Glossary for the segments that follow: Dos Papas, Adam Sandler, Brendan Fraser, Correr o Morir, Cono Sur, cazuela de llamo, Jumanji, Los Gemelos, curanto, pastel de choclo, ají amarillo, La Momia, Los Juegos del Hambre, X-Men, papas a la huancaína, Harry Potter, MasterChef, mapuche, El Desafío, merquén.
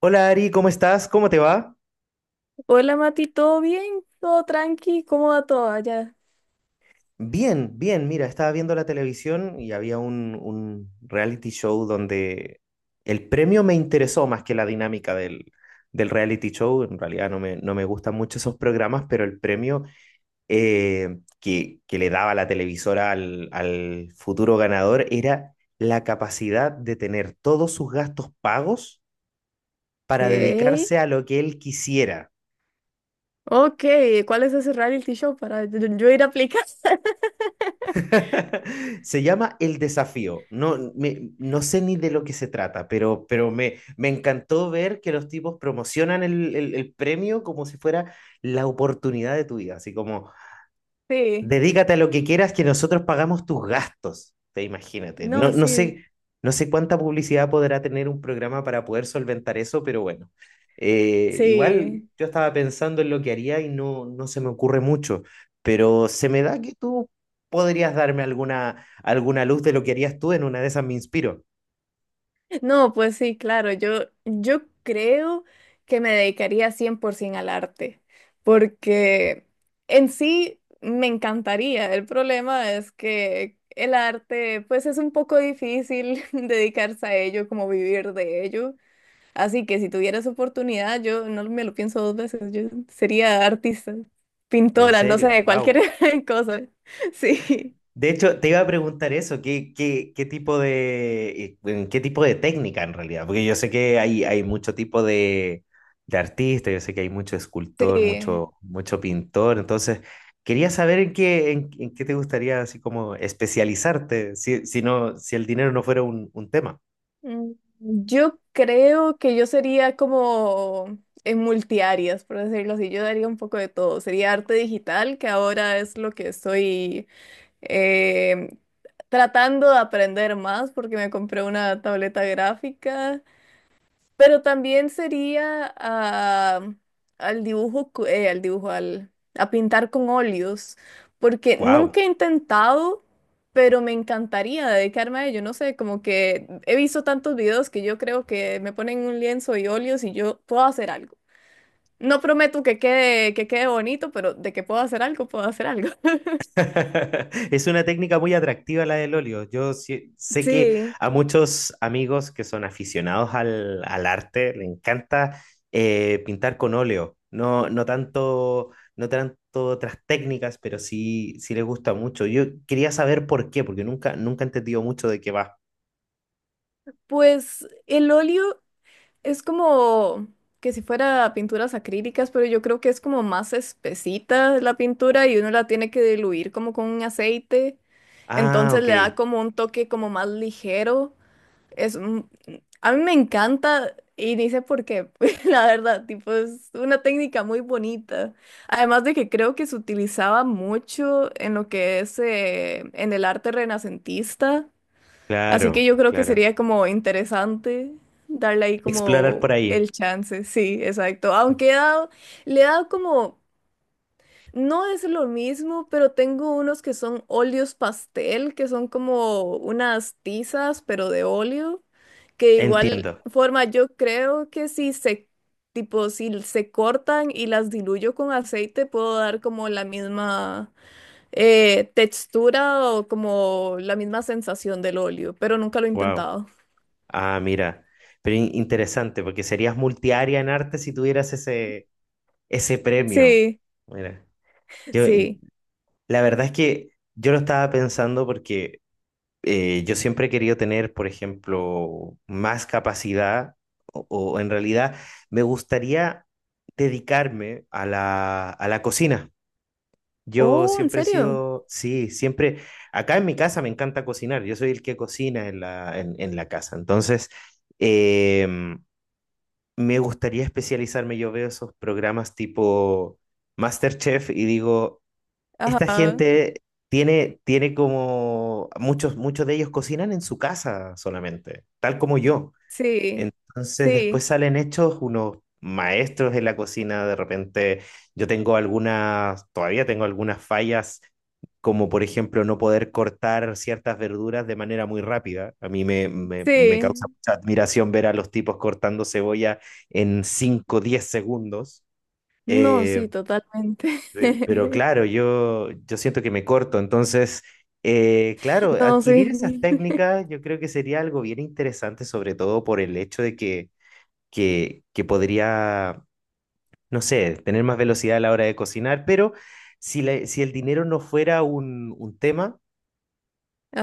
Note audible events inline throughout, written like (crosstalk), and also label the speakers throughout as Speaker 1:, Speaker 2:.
Speaker 1: Hola Ari, ¿cómo estás? ¿Cómo te va?
Speaker 2: Hola Mati, ¿todo bien? ¿Todo tranqui? ¿Cómo va todo allá?
Speaker 1: Bien, bien, mira, estaba viendo la televisión y había un reality show donde el premio me interesó más que la dinámica del reality show. En realidad no me gustan mucho esos programas, pero el premio que le daba la televisora al futuro ganador era la capacidad de tener todos sus gastos pagos
Speaker 2: Ok,
Speaker 1: para dedicarse a lo que él quisiera.
Speaker 2: ok, ¿cuál es ese reality show para yo ir a aplicar? (laughs)
Speaker 1: (laughs) Se llama El Desafío. No sé ni de lo que se trata, pero me encantó ver que los tipos promocionan el premio como si fuera la oportunidad de tu vida. Así como,
Speaker 2: Sí,
Speaker 1: dedícate a lo que quieras que nosotros pagamos tus gastos. Te imagínate.
Speaker 2: no, sí,
Speaker 1: No sé cuánta publicidad podrá tener un programa para poder solventar eso, pero bueno. Igual
Speaker 2: sí.
Speaker 1: yo estaba pensando en lo que haría y no se me ocurre mucho, pero se me da que tú podrías darme alguna luz de lo que harías tú. En una de esas me inspiro.
Speaker 2: No, pues sí, claro, yo creo que me dedicaría 100% al arte, porque en sí me encantaría. El problema es que el arte, pues es un poco difícil (laughs) dedicarse a ello, como vivir de ello. Así que si tuviera esa oportunidad, yo no me lo pienso dos veces, yo sería artista,
Speaker 1: En
Speaker 2: pintora, no
Speaker 1: serio,
Speaker 2: sé,
Speaker 1: wow.
Speaker 2: cualquier (laughs) cosa. Sí,
Speaker 1: De hecho, te iba a preguntar eso. Qué tipo de, en qué tipo de técnica en realidad? Porque yo sé que hay mucho tipo de artista, yo sé que hay mucho escultor,
Speaker 2: sí.
Speaker 1: mucho pintor, entonces quería saber en qué, en qué te gustaría así como especializarte, si no, si el dinero no fuera un tema.
Speaker 2: Mm, Yo creo que yo sería como en multiáreas, por decirlo así, yo daría un poco de todo. Sería arte digital, que ahora es lo que estoy eh, tratando de aprender más porque me compré una tableta gráfica. Pero también sería al dibujo, a pintar con óleos, porque
Speaker 1: Wow.
Speaker 2: nunca he intentado, pero me encantaría dedicarme a ello. No sé, como que he visto tantos videos que yo creo que me ponen un lienzo y óleos y yo puedo hacer algo. No prometo que quede bonito, pero de que puedo hacer algo, puedo hacer algo. (laughs)
Speaker 1: (laughs) Es una técnica muy atractiva la del óleo. Yo sé que
Speaker 2: Sí.
Speaker 1: a muchos amigos que son aficionados al arte le encanta pintar con óleo. No tanto otras técnicas, pero sí les gusta mucho. Yo quería saber por qué, porque nunca he entendido mucho de qué va.
Speaker 2: Pues el óleo es como que si fuera pinturas acrílicas, pero yo creo que es como más espesita la pintura y uno la tiene que diluir como con un aceite.
Speaker 1: Ah,
Speaker 2: Entonces
Speaker 1: ok.
Speaker 2: le da como un toque como más ligero. Es un- a mí me encanta y ni sé por qué, (laughs) la verdad, tipo es una técnica muy bonita. Además de que creo que se utilizaba mucho en lo que es en el arte renacentista. Así que
Speaker 1: Claro,
Speaker 2: yo creo que
Speaker 1: claro.
Speaker 2: sería como interesante darle ahí
Speaker 1: Explorar por
Speaker 2: como
Speaker 1: ahí.
Speaker 2: el chance, sí, exacto. Aunque le he dado como, no es lo mismo, pero tengo unos que son óleos pastel, que son como unas tizas, pero de óleo, que de igual
Speaker 1: Entiendo.
Speaker 2: forma yo creo que si se cortan y las diluyo con aceite, puedo dar como la misma textura o como la misma sensación del óleo, pero nunca lo he
Speaker 1: Wow.
Speaker 2: intentado.
Speaker 1: Ah, mira. Pero interesante, porque serías multiárea en arte si tuvieras ese, ese premio.
Speaker 2: Sí,
Speaker 1: Mira, yo,
Speaker 2: sí.
Speaker 1: la verdad es que yo lo estaba pensando porque yo siempre he querido tener, por ejemplo, más capacidad o en realidad me gustaría dedicarme a la cocina. Yo
Speaker 2: Oh, ¿en
Speaker 1: siempre he
Speaker 2: serio?
Speaker 1: sido, sí, siempre, acá en mi casa me encanta cocinar, yo soy el que cocina en la casa. Entonces, em, me gustaría especializarme. Yo veo esos programas tipo MasterChef y digo, esta
Speaker 2: Ajá,
Speaker 1: gente tiene como, muchos de ellos cocinan en su casa solamente, tal como yo.
Speaker 2: sí,
Speaker 1: Entonces después
Speaker 2: sí,
Speaker 1: salen hechos unos maestros en la cocina, de repente yo tengo algunas, todavía tengo algunas fallas, como por ejemplo no poder cortar ciertas verduras de manera muy rápida. A mí me causa
Speaker 2: sí.
Speaker 1: mucha admiración ver a los tipos cortando cebolla en 5 10 segundos.
Speaker 2: No,
Speaker 1: Eh,
Speaker 2: sí, totalmente.
Speaker 1: pero
Speaker 2: (laughs)
Speaker 1: claro, yo siento que me corto, entonces… claro,
Speaker 2: No,
Speaker 1: adquirir esas
Speaker 2: sí. (laughs)
Speaker 1: técnicas yo creo que sería algo bien interesante, sobre todo por el hecho de que que podría, no sé, tener más velocidad a la hora de cocinar, pero si, si el dinero no fuera un tema,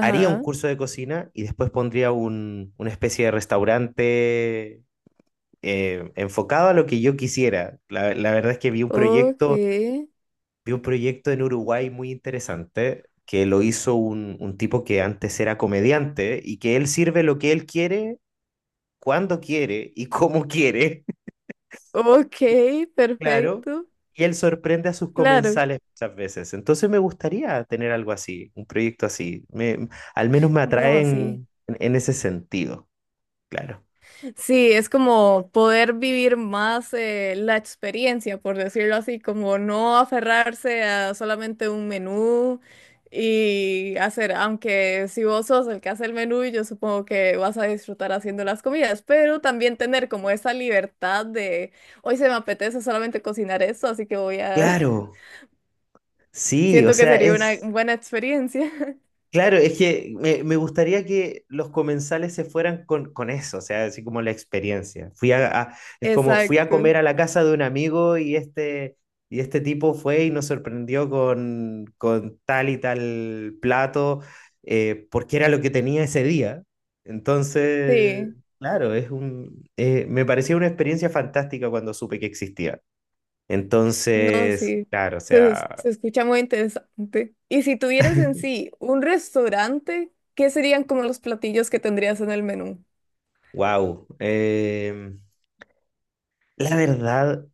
Speaker 1: haría un curso de cocina y después pondría un, una especie de restaurante enfocado a lo que yo quisiera. La verdad es que
Speaker 2: ok,
Speaker 1: vi un proyecto en Uruguay muy interesante, que lo hizo un tipo que antes era comediante y que él sirve lo que él quiere, cuando quiere y cómo quiere.
Speaker 2: ok,
Speaker 1: Claro,
Speaker 2: perfecto.
Speaker 1: y él sorprende a sus
Speaker 2: Claro.
Speaker 1: comensales muchas veces. Entonces me gustaría tener algo así, un proyecto así. Me, al menos me
Speaker 2: No, sí.
Speaker 1: atraen en ese sentido, claro.
Speaker 2: Sí, es como poder vivir más la experiencia, por decirlo así, como no aferrarse a solamente un menú y hacer, aunque si vos sos el que hace el menú, yo supongo que vas a disfrutar haciendo las comidas, pero también tener como esa libertad de, hoy se me apetece solamente cocinar esto, así que voy a, (laughs)
Speaker 1: Claro, sí, o
Speaker 2: siento que
Speaker 1: sea,
Speaker 2: sería una
Speaker 1: es…
Speaker 2: buena experiencia. (laughs)
Speaker 1: Claro, es que me gustaría que los comensales se fueran con eso, o sea, así como la experiencia. Fui es como fui a
Speaker 2: Exacto,
Speaker 1: comer a la casa de un amigo y este tipo fue y nos sorprendió con tal y tal plato, porque era lo que tenía ese día. Entonces,
Speaker 2: sí.
Speaker 1: claro, es un, me parecía una experiencia fantástica cuando supe que existía.
Speaker 2: No,
Speaker 1: Entonces,
Speaker 2: sí,
Speaker 1: claro, o
Speaker 2: se, es-
Speaker 1: sea,
Speaker 2: se escucha muy interesante. Y si tuvieras en sí un restaurante, ¿qué serían como los platillos que tendrías en el menú?
Speaker 1: wow. La verdad,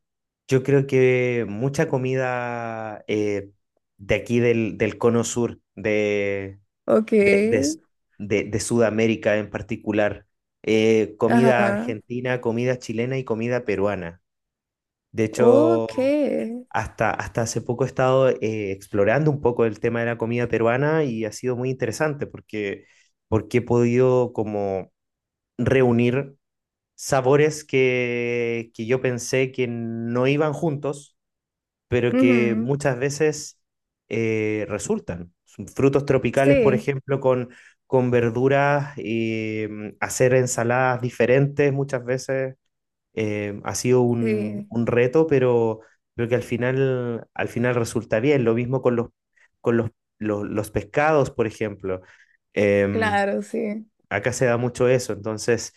Speaker 1: yo creo que mucha comida de aquí del cono sur, de,
Speaker 2: Ok,
Speaker 1: de, de Sudamérica en particular, comida
Speaker 2: ajá,
Speaker 1: argentina, comida chilena y comida peruana. De hecho,
Speaker 2: ok.
Speaker 1: hasta hace poco he estado explorando un poco el tema de la comida peruana y ha sido muy interesante porque, porque he podido como reunir sabores que yo pensé que no iban juntos, pero que
Speaker 2: Ujú,
Speaker 1: muchas veces resultan. Son frutos tropicales, por
Speaker 2: sí,
Speaker 1: ejemplo, con verduras, hacer ensaladas diferentes muchas veces ha sido un,
Speaker 2: sí,
Speaker 1: un reto, pero creo que al final resulta bien. Lo mismo con con los, los pescados, por ejemplo. Em,
Speaker 2: claro, sí.
Speaker 1: Acá se da mucho eso, entonces,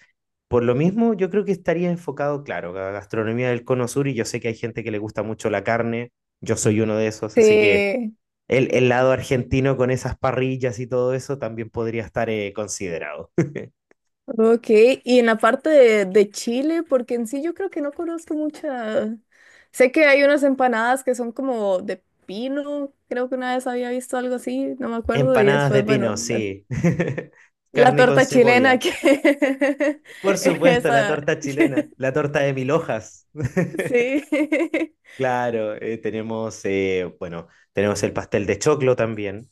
Speaker 1: por lo mismo, yo creo que estaría enfocado, claro, a la gastronomía del Cono Sur y yo sé que hay gente que le gusta mucho la carne, yo soy uno de esos, así que
Speaker 2: Sí,
Speaker 1: el lado argentino con esas parrillas y todo eso también podría estar considerado. (laughs)
Speaker 2: ok. Y en la parte de Chile, porque en sí yo creo que no conozco mucha. Sé que hay unas empanadas que son como de pino, creo que una vez había visto algo así, no me acuerdo, y
Speaker 1: Empanadas de
Speaker 2: después, bueno,
Speaker 1: pino, sí. (laughs)
Speaker 2: la
Speaker 1: Carne con
Speaker 2: torta chilena
Speaker 1: cebolla.
Speaker 2: que
Speaker 1: Por
Speaker 2: (laughs)
Speaker 1: supuesto, la
Speaker 2: esa
Speaker 1: torta chilena,
Speaker 2: (laughs)
Speaker 1: la torta de mil hojas.
Speaker 2: sí. (laughs)
Speaker 1: Claro, tenemos, bueno, tenemos el pastel de choclo también,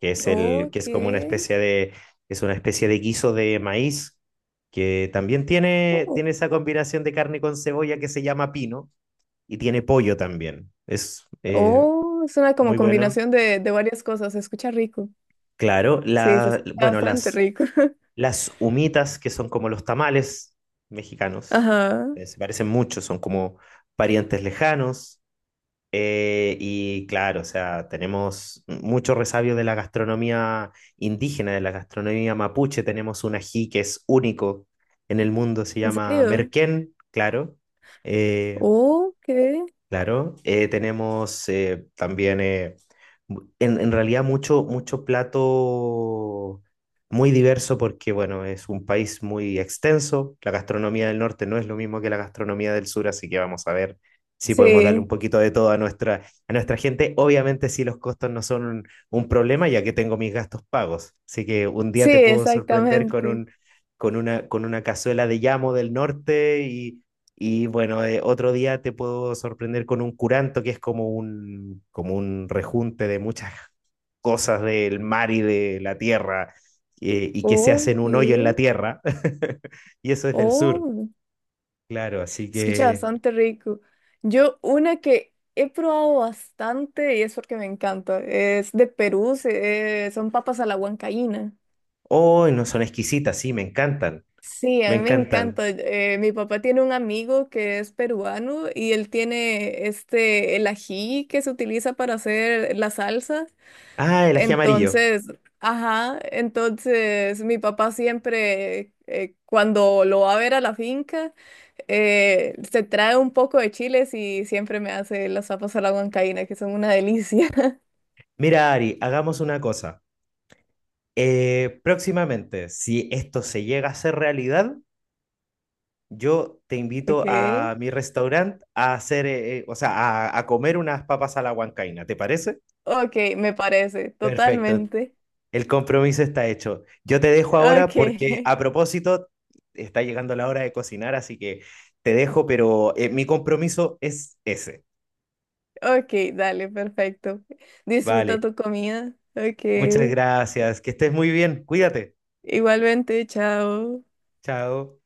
Speaker 1: que es el, que
Speaker 2: Ok.
Speaker 1: es como una especie de, es una especie de guiso de maíz, que también tiene,
Speaker 2: Oh,
Speaker 1: tiene esa combinación de carne con cebolla que se llama pino, y tiene pollo también. Es
Speaker 2: oh, es una como
Speaker 1: muy bueno.
Speaker 2: combinación de varias cosas. Se escucha rico.
Speaker 1: Claro,
Speaker 2: Sí, se
Speaker 1: la,
Speaker 2: escucha
Speaker 1: bueno,
Speaker 2: bastante rico.
Speaker 1: las humitas, que son como los tamales
Speaker 2: (laughs)
Speaker 1: mexicanos,
Speaker 2: Ajá.
Speaker 1: se parecen mucho, son como parientes lejanos. Y claro, o sea, tenemos mucho resabio de la gastronomía indígena, de la gastronomía mapuche. Tenemos un ají que es único en el mundo, se
Speaker 2: ¿En
Speaker 1: llama
Speaker 2: serio?
Speaker 1: merquén, claro. Eh,
Speaker 2: Ok.
Speaker 1: claro, tenemos también, en realidad, mucho plato muy diverso porque, bueno, es un país muy extenso. La gastronomía del norte no es lo mismo que la gastronomía del sur, así que vamos a ver si podemos darle un
Speaker 2: Sí,
Speaker 1: poquito de todo a nuestra gente. Obviamente, si los costos no son un problema, ya que tengo mis gastos pagos. Así que un día
Speaker 2: sí,
Speaker 1: te puedo sorprender con
Speaker 2: exactamente.
Speaker 1: con una cazuela de llamo del norte y bueno, otro día te puedo sorprender con un curanto, que es como un rejunte de muchas cosas del mar y de la tierra, y que se hacen un hoyo en la
Speaker 2: Ok.
Speaker 1: tierra. (laughs) Y eso es del sur,
Speaker 2: Oh.
Speaker 1: claro, así
Speaker 2: Escucha
Speaker 1: que…
Speaker 2: bastante rico. Yo una que he probado bastante y es porque me encanta, es de Perú, son papas a la huancaína.
Speaker 1: ¡Oh, no son exquisitas! Sí,
Speaker 2: Sí,
Speaker 1: me
Speaker 2: a mí me
Speaker 1: encantan.
Speaker 2: encanta. Mi papá tiene un amigo que es peruano y él tiene este, el ají que se utiliza para hacer la salsa.
Speaker 1: Ah, el ají amarillo.
Speaker 2: Entonces, ajá, entonces mi papá siempre, cuando lo va a ver a la finca, se trae un poco de chiles y siempre me hace las papas a la huancaína, que son una delicia. (laughs)
Speaker 1: Mira, Ari, hagamos una cosa. Próximamente, si esto se llega a ser realidad, yo te invito
Speaker 2: Ok,
Speaker 1: a mi restaurante a hacer, o sea, a comer unas papas a la huancaína, ¿te parece?
Speaker 2: ok, me parece,
Speaker 1: Perfecto,
Speaker 2: totalmente.
Speaker 1: el compromiso está hecho. Yo te dejo ahora
Speaker 2: Ok,
Speaker 1: porque a propósito está llegando la hora de cocinar, así que te dejo, pero mi compromiso es ese.
Speaker 2: (laughs) ok, dale, perfecto.
Speaker 1: Vale,
Speaker 2: Disfruta tu comida. Ok,
Speaker 1: muchas gracias, que estés muy bien, cuídate.
Speaker 2: igualmente, chao.
Speaker 1: Chao.